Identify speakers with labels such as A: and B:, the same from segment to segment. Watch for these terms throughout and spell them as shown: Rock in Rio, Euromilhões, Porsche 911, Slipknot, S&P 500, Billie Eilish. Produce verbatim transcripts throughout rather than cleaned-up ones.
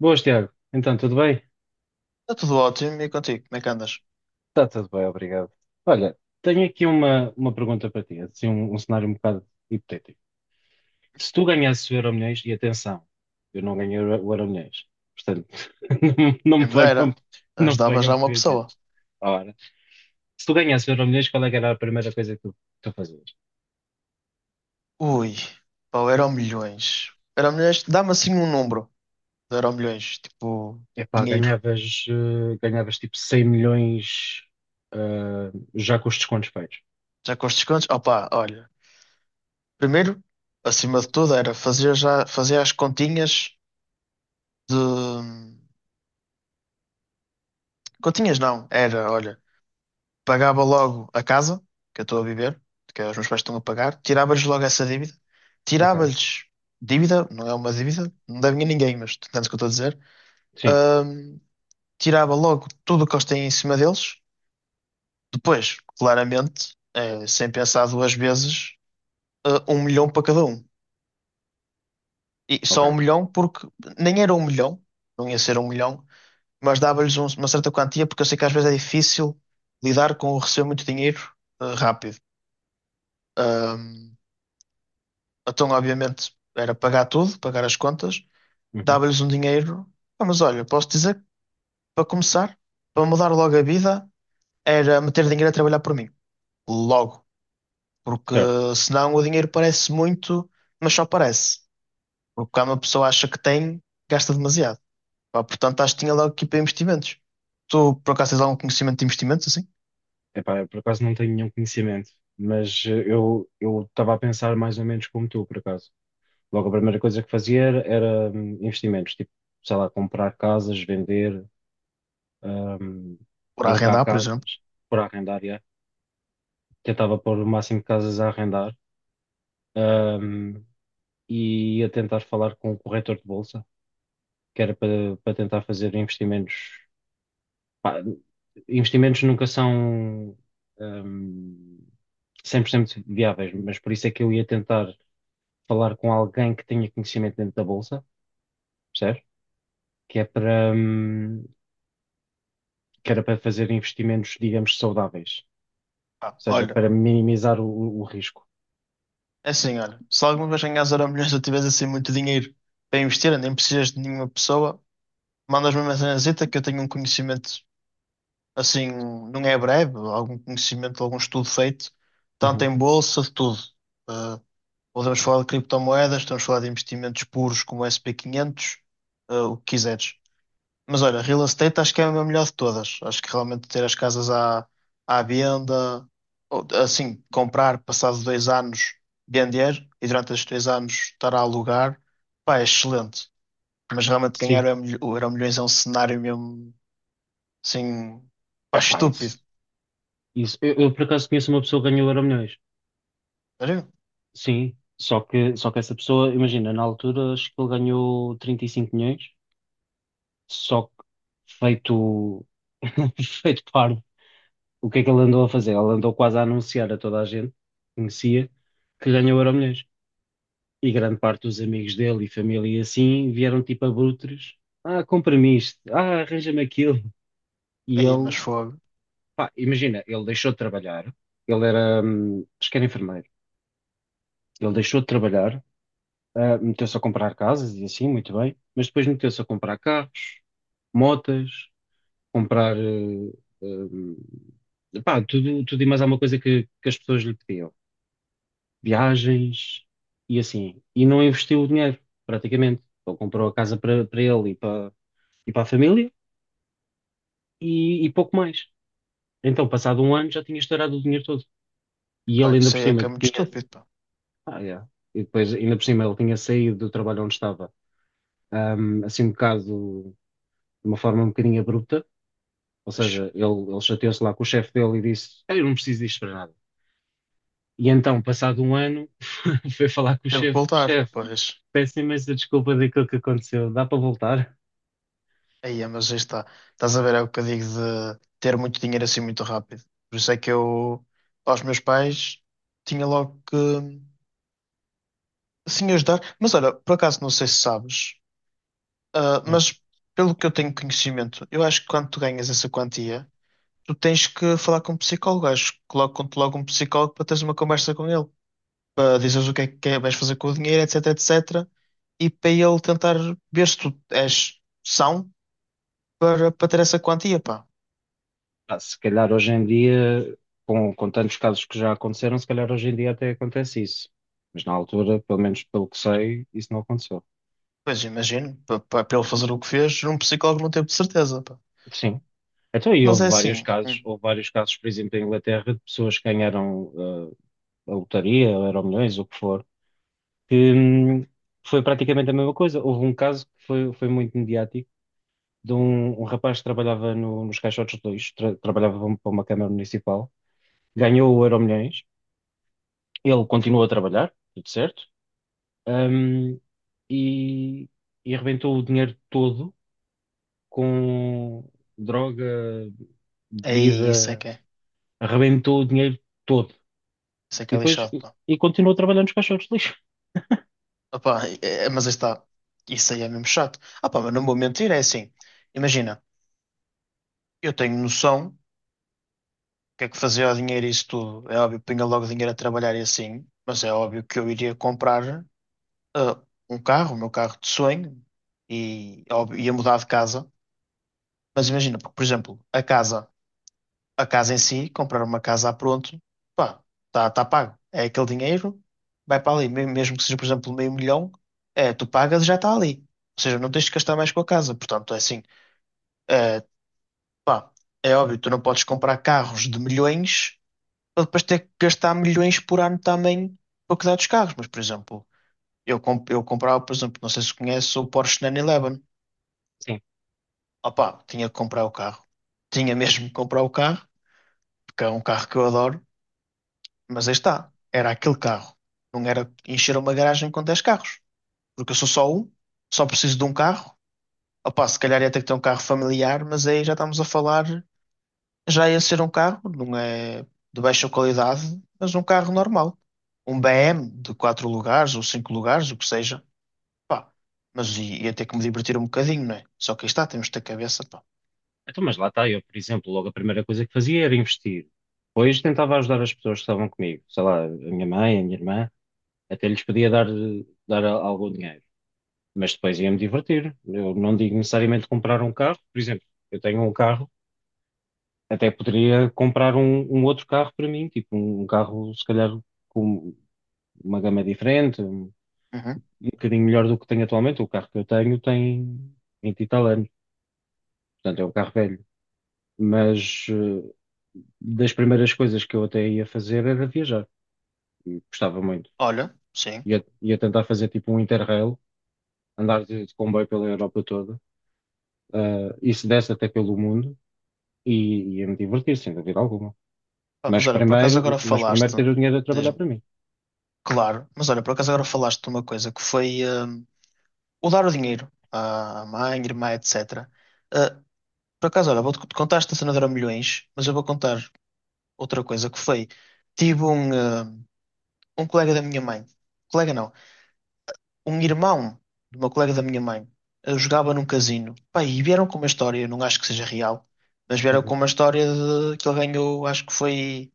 A: Boas, Tiago. Então, tudo bem?
B: Está tudo ótimo e contigo, como é que andas?
A: Está tudo bem, obrigado. Olha, tenho aqui uma, uma pergunta para ti, assim, um, um cenário um bocado hipotético. Se tu ganhasses o Euromilhões, e atenção, eu não ganhei o Euro- o Euromilhões, portanto, não, não me
B: Quem me
A: venham,
B: dera,
A: não me
B: ajudava já
A: venham
B: uma
A: pedir dinheiro.
B: pessoa.
A: Ora, se tu ganhasses o Euromilhões, qual é que era a primeira coisa que tu, tu fazias?
B: Ui, pá, o Euromilhões. Euromilhões, dá-me assim um número de Euromilhões, tipo,
A: Epá,
B: dinheiro.
A: ganhavas, eh, ganhavas tipo cem milhões, eh, já com os descontos feitos.
B: Já com os descontos? Opá, olha, primeiro, acima de tudo, era fazer já, fazer as continhas de... Continhas não, era, olha, pagava logo a casa que eu estou a viver, que os meus pais estão a pagar, tirava-lhes logo essa dívida,
A: Ok.
B: tirava-lhes dívida, não é uma dívida, não deve ninguém, mas tu entendes o que eu estou a dizer?
A: Sim,
B: Ahm, tirava logo tudo o que eles têm em cima deles. Depois, claramente, eh, sem pensar duas vezes, eh, um milhão para cada um. E só um
A: ok.
B: milhão porque nem era um milhão, não ia ser um milhão, mas dava-lhes um- uma certa quantia porque eu sei que às vezes é difícil lidar com o receber muito dinheiro, eh, rápido. Ahm, então, obviamente, era pagar tudo, pagar as contas,
A: Uhum,
B: dava-lhes um dinheiro. Ah, mas olha, posso dizer, que, para começar, para mudar logo a vida, era meter dinheiro a trabalhar por mim. Logo. Porque
A: certo.
B: senão o dinheiro parece muito, mas só parece. Porque quando uma pessoa acha que tem, gasta demasiado. Pá, portanto, acho que tinha logo aqui para investimentos. Tu, por acaso, tens algum conhecimento de investimentos, assim?
A: Epá, eu por acaso não tenho nenhum conhecimento, mas eh, eu eu estava a pensar mais ou menos como tu, por acaso. Logo, a primeira coisa que fazia era, era, hum, investimentos, tipo, sei lá, comprar casas, vender, hum,
B: Por
A: alugar
B: arrendar, por exemplo?
A: casas por arrendar, yeah. Tentava pôr o máximo de casas a arrendar, hum, e ia tentar falar com o corretor de bolsa, que era para, para tentar fazer investimentos. Pá, investimentos nunca são, hum, cem por cento viáveis, mas por isso é que eu ia tentar falar com alguém que tenha conhecimento dentro da bolsa, percebes? Que é para, hum, que era para fazer investimentos, digamos, saudáveis,
B: Pá,
A: ou seja,
B: olha,
A: para minimizar o, o risco.
B: é assim, olha. Se alguma vez ganhas zero milhões ou tiveres assim muito dinheiro para investir, nem precisas de nenhuma pessoa, mandas-me uma mensagenzita que eu tenho um conhecimento, assim, não é breve, algum conhecimento, algum estudo feito, tanto
A: Uhum.
B: em bolsa, de tudo. Ah, Podemos falar de criptomoedas, podemos falar de investimentos puros como o S e P quinhentos, eh, o que quiseres. Mas olha, real estate acho que é a melhor de todas. Acho que realmente ter as casas à, à venda, ou, assim, comprar, passado dois anos, vender e durante esses dois anos estar a alugar, pá, é excelente. Mas realmente ganhar
A: Sim,
B: é o Euro- o Euromilhões é um cenário mesmo, assim, pá,
A: é pá, isso.
B: estúpido.
A: isso. Eu, eu, por acaso, conheço uma pessoa que ganhou Euromilhões.
B: Sério?
A: Sim, só que, só que essa pessoa, imagina, na altura acho que ele ganhou trinta e cinco milhões. Só que feito, feito parvo, o que é que ele andou a fazer? Ele andou quase a anunciar a toda a gente que conhecia que ganhou o Euromilhões. E grande parte dos amigos dele e família e assim vieram tipo abutres. Ah, compra-me isto. Ah, arranja-me aquilo. E
B: Aí,
A: ele,
B: mas fogo.
A: pá, imagina, ele deixou de trabalhar. Ele era, hum, acho que era enfermeiro. Ele deixou de trabalhar, ah, meteu-se a comprar casas e assim, muito bem. Mas depois meteu-se a comprar carros, motas. Comprar eh, eh, pá, tudo, tudo e mais alguma coisa que, que as pessoas lhe pediam. Viagens e assim. E não investiu o dinheiro, praticamente. Ele comprou a casa para para ele e para e para a família e, e pouco mais. Então, passado um ano, já tinha estourado o dinheiro todo. E
B: Pá,
A: ele ainda
B: isso
A: por
B: aí é que é
A: cima
B: muito
A: tinha.
B: estúpido, pá.
A: Ah, yeah. E depois, ainda por cima, ele tinha saído do trabalho onde estava, ahm, assim um bocado, de uma forma um bocadinho abrupta. Ou
B: Mas
A: seja, ele, ele chateou-se lá com o chefe dele e disse: "Ah, eu não preciso disto para nada." E então, passado um ano, foi falar com o
B: teve que
A: chefe,
B: voltar,
A: chefe,
B: pois.
A: peço imensa desculpa daquilo que aconteceu, dá para voltar?
B: Aí, é, mas aí está. Estás a ver, é o que eu digo de ter muito dinheiro assim muito rápido. Por isso é que eu, aos meus pais, tinha logo que assim ajudar. Mas olha, por acaso não sei se sabes, ah,
A: Não.
B: mas pelo que eu tenho conhecimento, eu acho que quando tu ganhas essa quantia, tu tens que falar com um psicólogo. Acho que colocam-te logo um psicólogo para teres uma conversa com ele, para dizeres o que é que é- vais fazer com o dinheiro, etc, et cetera. E para ele tentar ver se tu és são para, para ter essa quantia, pá.
A: Pá, se calhar hoje em dia, com, com tantos casos que já aconteceram, se calhar hoje em dia até acontece isso. Mas na altura, pelo menos pelo que sei, isso não aconteceu.
B: Pois imagino, pa- pa- para ele fazer o que fez, um psicólogo não teve de certeza, pá.
A: Sim. Então, e
B: Mas é
A: houve vários
B: assim,
A: casos,
B: hum,
A: houve vários casos, por exemplo, em Inglaterra, de pessoas que ganharam ah, a lotaria, ou Euromilhões, o que for, que hum, foi praticamente a mesma coisa. Houve um caso que foi, foi muito mediático de um, um rapaz que trabalhava no- nos caixotes de lixo, tra- trabalhava para uma para uma Câmara Municipal, ganhou o Euromilhões, ele continuou a trabalhar, tudo certo, hum, e, e arrebentou o dinheiro todo com droga,
B: aí isso é
A: bebida,
B: que é,
A: arrebentou o dinheiro todo.
B: isso é
A: E
B: que é
A: depois,
B: lixado, pá.
A: e continuou a trabalhar nos caixotes de lixo.
B: Opá, é- é- mas aí está, isso aí é mesmo chato. Ah pá, mas não vou mentir, é assim, imagina, eu tenho noção do que é que fazia o dinheiro e isso tudo, é óbvio, punha logo o dinheiro a trabalhar e assim, mas é óbvio que eu iria comprar ah, um carro, o meu carro de sonho, e óbvio, ia mudar de casa, mas imagina, porque, por exemplo, a casa. A casa em si, comprar uma casa a pronto, pá, está tá tá pago. É aquele dinheiro, vai para ali. Me- Mesmo que seja, por exemplo, meio milhão, é, tu pagas e já está ali. Ou seja, não tens de gastar mais com a casa. Portanto, é assim, é, pá, é óbvio, tu não podes comprar carros de milhões para depois ter que gastar milhões por ano também para cuidar dos carros. Mas, por exemplo, eu, comp eu comprava, por exemplo, não sei se conhece o Porsche nove onze.
A: Sim.
B: Opá, tinha que comprar o carro. Tinha mesmo que comprar o carro, porque é um carro que eu adoro. Mas aí está, era aquele carro. Não era encher uma garagem com dez carros. Porque eu sou só um, só preciso de um carro. Opá, se calhar ia ter que ter um carro familiar, mas aí já estamos a falar, já ia ser um carro, não é de baixa qualidade, mas um carro normal. Um B M de quatro lugares ou cinco lugares, o que seja. Pá, mas i- ia ter que me divertir um bocadinho, não é? Só que aí está, temos de ter cabeça, pá.
A: Então, mas lá está, eu, por exemplo, logo a primeira coisa que fazia era investir. Depois tentava ajudar as pessoas que estavam comigo, sei lá, a minha mãe, a minha irmã. Até lhes podia dar, dar a- algum dinheiro, mas depois ia-me divertir. Eu não digo necessariamente comprar um carro, por exemplo, eu tenho um carro, até poderia comprar um, um outro carro para mim, tipo um um carro, se calhar, com uma gama diferente, um,
B: Uhum.
A: um bocadinho melhor do que tenho atualmente. O carro que eu tenho tem vinte e tal anos, portanto é um carro velho. Mas eh, das primeiras coisas que eu até ia fazer era viajar, e gostava muito.
B: Olha, sim.
A: Ia, ia tentar fazer tipo um Interrail, andar de, de comboio pela Europa toda. Uh, e se desse até pelo mundo e ia me divertir, sem dúvida alguma.
B: Pá, mas
A: Mas
B: olha, por acaso
A: primeiro,
B: agora
A: mas primeiro
B: falaste,
A: ter o dinheiro a trabalhar
B: diz-me,
A: para mim.
B: claro, mas olha, por acaso agora falaste de uma coisa que foi. Hum, o dar o dinheiro à mãe, irmã, et cetera. Ah, por acaso, olha, vou-te contar esta cena de Euromilhões, mas eu vou contar outra coisa que foi. Tive um, ah, um colega da minha mãe, colega não, um irmão de uma colega da minha mãe, ah, jogava num casino. Pá, e vieram com uma história, eu não acho que seja real, mas vieram
A: Uhum.
B: com uma história de que ele ganhou, acho que foi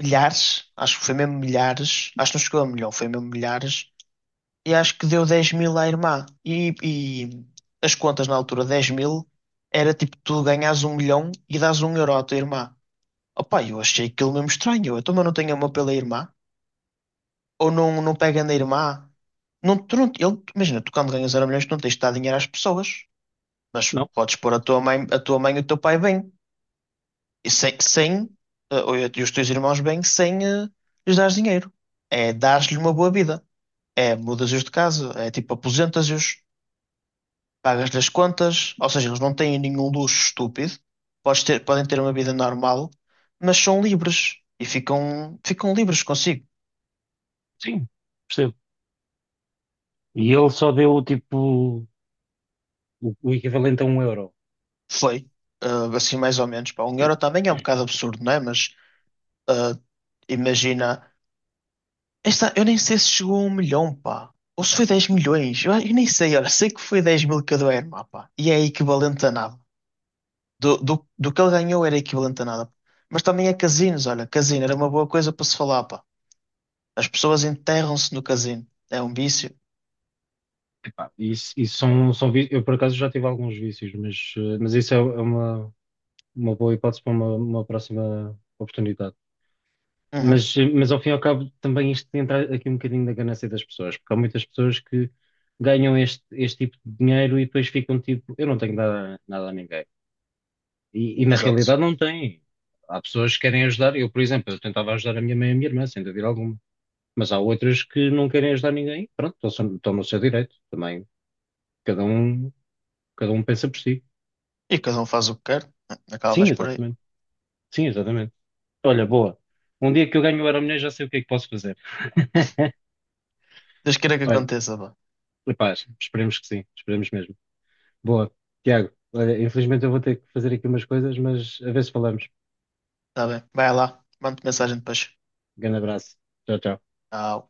B: milhares, acho que foi mesmo milhares, acho que não chegou a um milhão, foi mesmo milhares e acho que deu dez mil à irmã. E, e as contas na altura, dez mil, era tipo tu ganhas um milhão e dás um euro à tua irmã. Opa, eu achei aquilo mesmo estranho. Eu também não tenho amor pela irmã. Ou não, não pega na irmã. Não, tu não, ele, imagina, tu quando ganhas zero milhões, tu não tens de dar dinheiro às pessoas. Mas
A: Não?
B: podes pôr a tua mãe, a tua mãe e o teu pai bem. E sem, sem, eh, ou, e os teus irmãos bem, sem, eh, lhes dar dinheiro. É dar lhe uma boa vida. É mudas-os de casa. É tipo aposentas-os. Pagas-lhe as contas, ou seja, eles não têm nenhum luxo estúpido, podes ter, podem ter uma vida normal, mas são livres e ficam, ficam livres consigo.
A: Sim, percebo. E ele só deu tipo o, o equivalente a um euro.
B: Foi, ah, assim mais ou menos. Pá, um euro também é um bocado absurdo, não é? Mas ah, imagina, esta, eu nem sei se chegou a um milhão, pá. Ou se foi dez milhões, eu, eu nem sei, olha, sei que foi dez mil cada irmã, pá, e é equivalente a nada. Do, do, do que ele ganhou era equivalente a nada. Mas também é casinos, olha, casino era uma boa coisa para se falar, pá. As pessoas enterram-se no casino. É um vício.
A: Epá, isso, isso são, são vícios. Eu por acaso já tive alguns vícios, mas, eh, mas isso é, é uma, uma boa hipótese para uma, uma próxima oportunidade.
B: Uhum,
A: Mas, mas ao fim e ao cabo também isto entra aqui um bocadinho da ganância das pessoas, porque há muitas pessoas que ganham este, este tipo de dinheiro e depois ficam tipo, eu não tenho nada, nada a ninguém. E, e na
B: exato.
A: realidade não têm. Há pessoas que querem ajudar, eu, por exemplo, eu tentava ajudar a minha mãe e a minha irmã, sem dúvida alguma. Mas há outras que não querem ajudar ninguém, pronto, estão, só- estão no seu direito também. Cada um, Cada um pensa por si.
B: E cada um faz o que quer. Acaba
A: Sim,
B: mais por aí.
A: exatamente. Sim, exatamente. Olha, boa. Um dia que eu ganho o Euromilhões já sei o que é que posso fazer.
B: Deus queira que
A: Olha,
B: aconteça, vá.
A: epá, esperemos que sim, esperemos mesmo. Boa, Tiago, olha, infelizmente eu vou ter que fazer aqui umas coisas, mas a ver se falamos.
B: Tá bem. Vai lá. Mande mensagem depois.
A: Grande abraço. Tchau, tchau.
B: Tchau.